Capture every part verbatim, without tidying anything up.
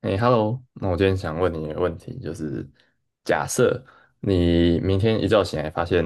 哎，Hello，那我今天想问你一个问题，就是假设你明天一觉醒来发现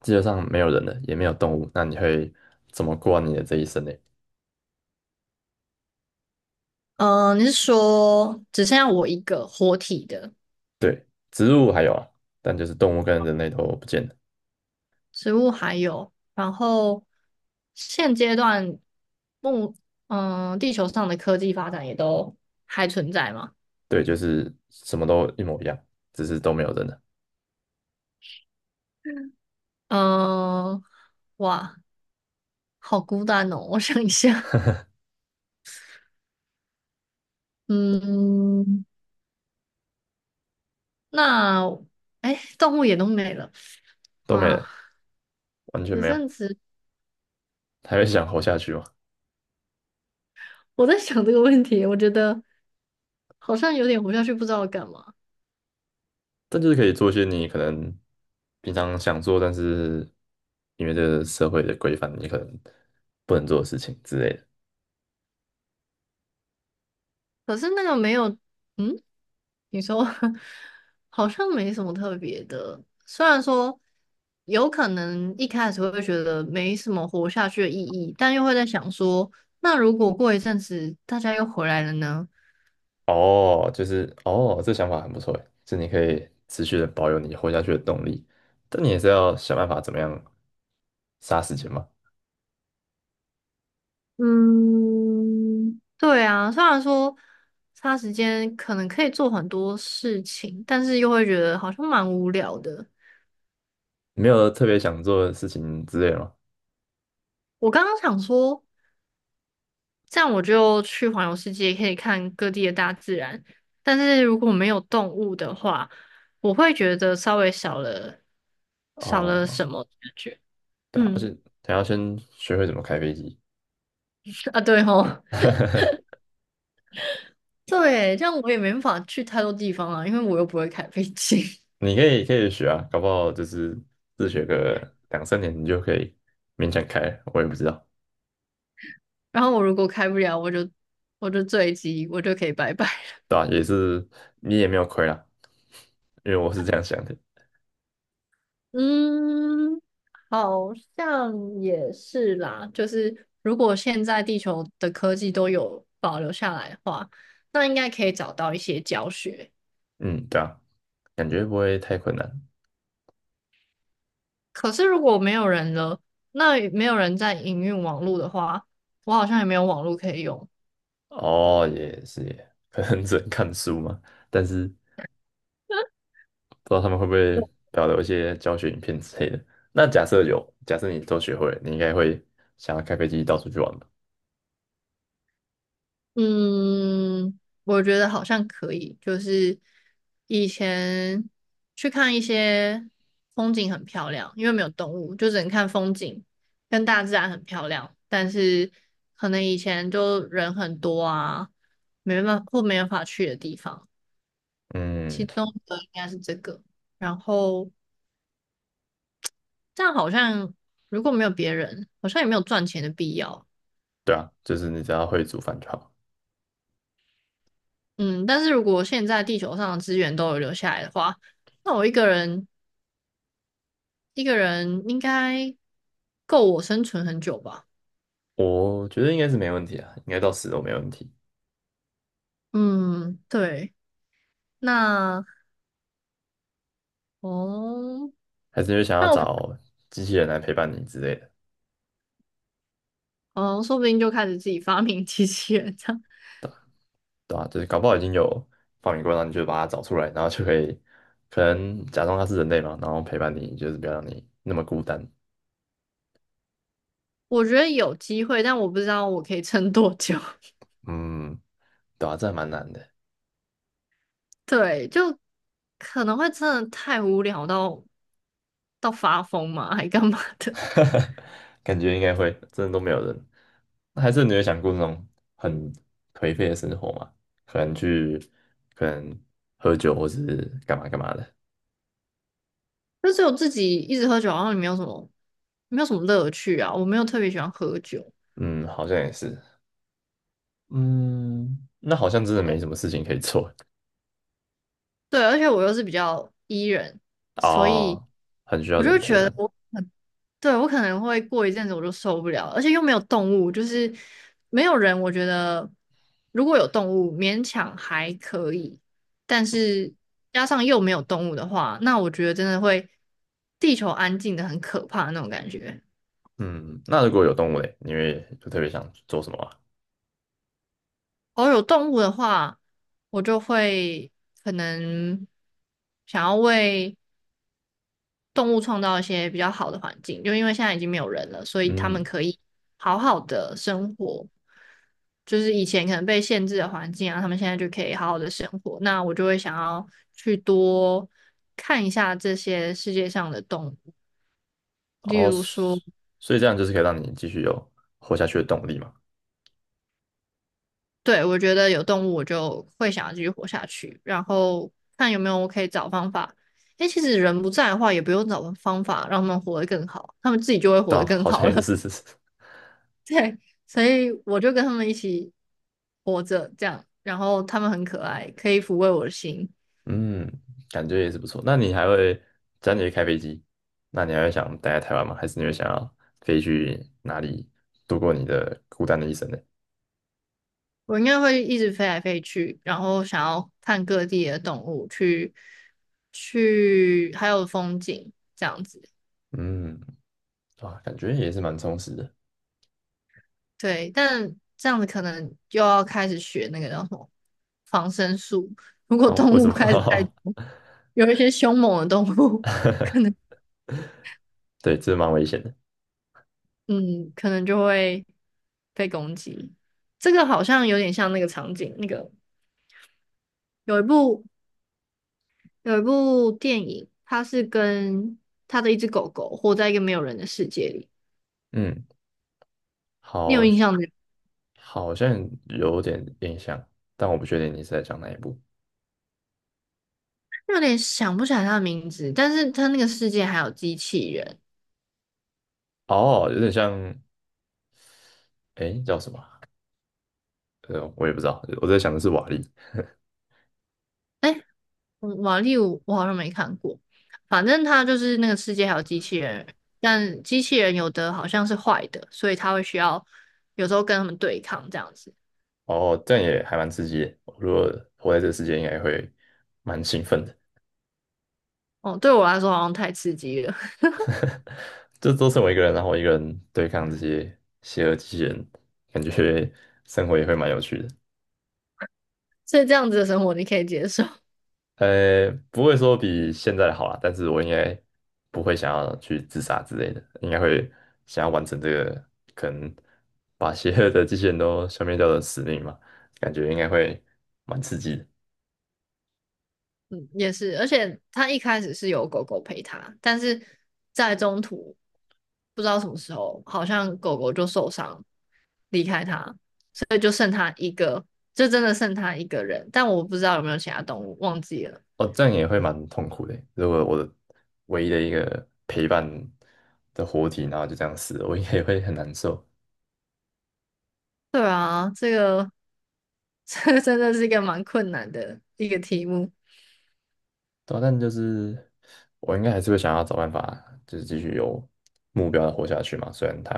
地球上没有人了，也没有动物，那你会怎么过完你的这一生呢？嗯、呃你是说只剩下我一个活体的对，植物还有啊，但就是动物跟人类都不见了，植物还有，然后现阶段目嗯、呃地球上的科技发展也都还存在吗？对，就是什么都一模一样，只是都没有人了，嗯、哇，好孤单哦，我想一下，嗯，那哎，动物也都没了，都没哇，了，完全只没有，剩植，还会想活下去吗？我在想这个问题，我觉得好像有点活下去，不知道干嘛。但就是可以做一些你可能平常想做，但是因为这个社会的规范，你可能不能做的事情之类的。可是那个没有，嗯。你说 好像没什么特别的，虽然说有可能一开始会觉得没什么活下去的意义，但又会在想说，那如果过一阵子大家又回来了呢？哦，就是哦，这想法很不错诶，就你可以持续的保有你活下去的动力，但你也是要想办法怎么样杀时间嘛。嗯，对啊，虽然说差时间可能可以做很多事情，但是又会觉得好像蛮无聊的。没有特别想做的事情之类的吗？我刚刚想说，这样我就去环游世界，可以看各地的大自然。但是如果没有动物的话，我会觉得稍微少了少了什哦，么感觉。对啊，而嗯，且还要先学会怎么开飞机，啊，对吼，对，这样我也没办法去太多地方啊，因为我又不会开飞机。你可以可以学啊，搞不好就是自学个两三年，你就可以勉强开了我也不知道，然后我如果开不了，我就我就坠机，我就可以拜拜。对啊，也是你也没有亏啦，因为我是这样想的，嗯，好像也是啦。就是如果现在地球的科技都有保留下来的话，那应该可以找到一些教学。嗯，对啊，感觉不会太困难。可是如果没有人了，那没有人在营运网络的话，我好像也没有网络可以用。哦，也是耶，可能只能看书嘛，但是不知道他们会不会保留一些教学影片之类的。那假设有，假设你都学会了，你应该会想要开飞机到处去玩吧？嗯，我觉得好像可以，就是以前去看一些风景很漂亮，因为没有动物，就只能看风景，跟大自然很漂亮。但是可能以前就人很多啊，没办法或没办法去的地方，其嗯，中的应该是这个。然后这样好像如果没有别人，好像也没有赚钱的必要。对啊，就是你只要会煮饭就好。嗯，但是如果现在地球上的资源都有留下来的话，那我一个人。一个人应该够我生存很久吧？我觉得应该是没问题啊，应该到死都没问题。嗯，对。那哦，还是因为想要那我可找机器人来陪伴你之类的，哦，说不定就开始自己发明机器人这样。对吧？就是搞不好已经有发明过，然后你就把它找出来，然后就可以可能假装它是人类嘛，然后陪伴你，就是不要让你那么孤单。我觉得有机会，但我不知道我可以撑多久。嗯，对啊，这还蛮难的，对，就可能会真的太无聊到到发疯嘛，还干嘛的？感觉应该会，真的都没有人。那还是你有想过那种很颓废的生活吗？可能去，可能喝酒或是干嘛干嘛的。就只有自己一直喝酒，然后也没有什么没有什么乐趣啊。我没有特别喜欢喝酒，嗯，好像也是。嗯，那好像真的没什么事情可以做对，而且我又是比较 E 人，所以哦，很需要我就人觉陪得。伴。我。对，我可能会过一阵子我就受不了了，而且又没有动物，就是没有人。我觉得如果有动物，勉强还可以，但是加上又没有动物的话，那我觉得真的会地球安静的很可怕那种感觉。嗯，那如果有动物嘞，你会就特别想做什么啊？偶尔有动物的话，我就会可能想要为动物创造一些比较好的环境，就因为现在已经没有人了，所以他们嗯，可以好好的生活。就是以前可能被限制的环境啊，他们现在就可以好好的生活。那我就会想要去多看一下这些世界上的动物，例哦，如说，所以这样就是可以让你继续有活下去的动力嘛？对，我觉得有动物我就会想要继续活下去，然后看有没有我可以找方法。诶，其实人不在的话，也不用找方法让他们活得更好，他们自己就会对活啊，得更好像好也了。是。对，所以我就跟他们一起活着这样，然后他们很可爱，可以抚慰我的心。嗯，感觉也是不错。那你还会，只要你会开飞机，那你还会想待在台湾吗？还是你会想要飞去哪里度过你的孤单的一生呢？我应该会一直飞来飞去，然后想要看各地的动物，去去还有风景这样子。嗯，哇，感觉也是蛮充实的。对，但这样子可能又要开始学那个叫什么防身术。如果好，为动什物么？开始太多有一些凶猛的动物，对，这蛮危险的。嗯，可能就会被攻击。这个好像有点像那个场景，那个。有一部有一部电影，它是跟他的一只狗狗活在一个没有人的世界里，嗯，你有好，印象吗？好像有点印象，但我不确定你是在讲哪一部。有点想不起来它的名字，但是它那个世界还有机器人。哦，有点像，诶，叫什么啊呃，我也不知道，我在想的是瓦力。哎，嗯瓦力我我好像没看过，反正它就是那个世界还有机器人，但机器人有的好像是坏的，所以它会需要有时候跟他们对抗这样子。哦，这样也还蛮刺激的。如果活在这个世界，应该会蛮兴奋的。哦，对我来说好像太刺激了，这都是我一个人，然后我一个人对抗这些邪恶机器人，感觉 生活也会蛮有趣的。所以这样子的生活你可以接受。呃，不会说比现在的好啦，但是我应该不会想要去自杀之类的，应该会想要完成这个可能把邪恶的机器人都消灭掉的使命嘛，感觉应该会蛮刺激的。嗯，也是，而且他一开始是有狗狗陪他，但是在中途不知道什么时候，好像狗狗就受伤离开他，对，就剩他一个，就真的剩他一个人，但我不知道有没有其他动物，忘记了。哦，这样也会蛮痛苦的欸。如果我的唯一的一个陪伴的活体，然后就这样死了，我应该也会很难受。对啊，这个 这个真的是一个蛮困难的一个题目，对啊，但就是我应该还是会想要找办法，就是继续有目标的活下去嘛。虽然它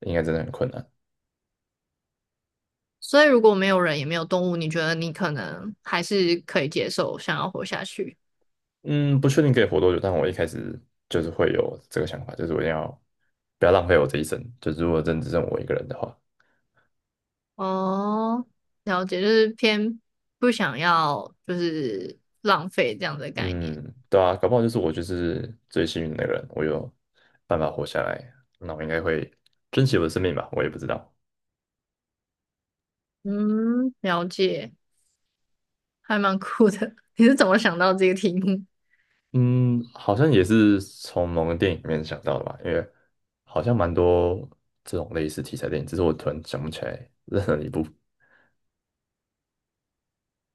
应该真的很困难，所以如果没有人也没有动物，你觉得你可能还是可以接受，想要活下去？嗯，不确定可以活多久，但我一开始就是会有这个想法，就是我一定要不要浪费我这一生。就是如果真只剩我一个人的话。哦，了解，就是偏不想要，就是浪费这样的概念。嗯，对啊，搞不好就是我就是最幸运的人，我有办法活下来，那我应该会珍惜我的生命吧，我也不知道。嗯，了解，还蛮酷的。你是怎么想到这个题目？嗯，好像也是从某个电影里面想到的吧，因为好像蛮多这种类似题材电影，只是我突然想不起来任何一部。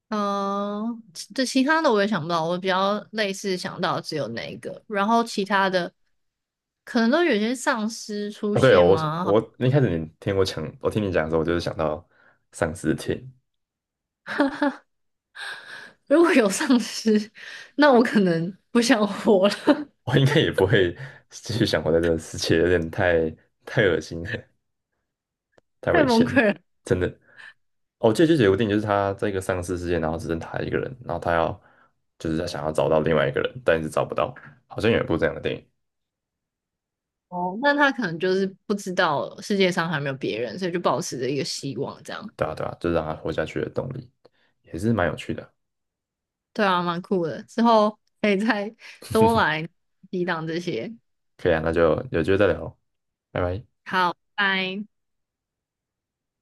嗯，其这其他的我也想不到，我比较类似想到只有那一个，然后其他的可能都有些丧尸出啊，对哦，现我吗？我一开始你听我讲，我听你讲的时候，我就是想到丧尸片，如果有丧尸，那我可能不想活了，我应该也不会继续想活在这个世界，有点太太恶心了，太 太危崩险了溃了。真的。哦，借有解电影，就是他在一个丧尸世界，然后只剩他一个人，然后他要就是他想要找到另外一个人，但是找不到，好像有一部这样的电影，哦，那他可能就是不知道世界上还有没有别人，所以就保持着一个希望，这样。对啊对啊，就是让他活下去的动力，也是蛮有趣的。对啊，蛮酷的。之后可以再多来抵挡这些。可以啊，那就有机会再聊，拜拜。好，拜。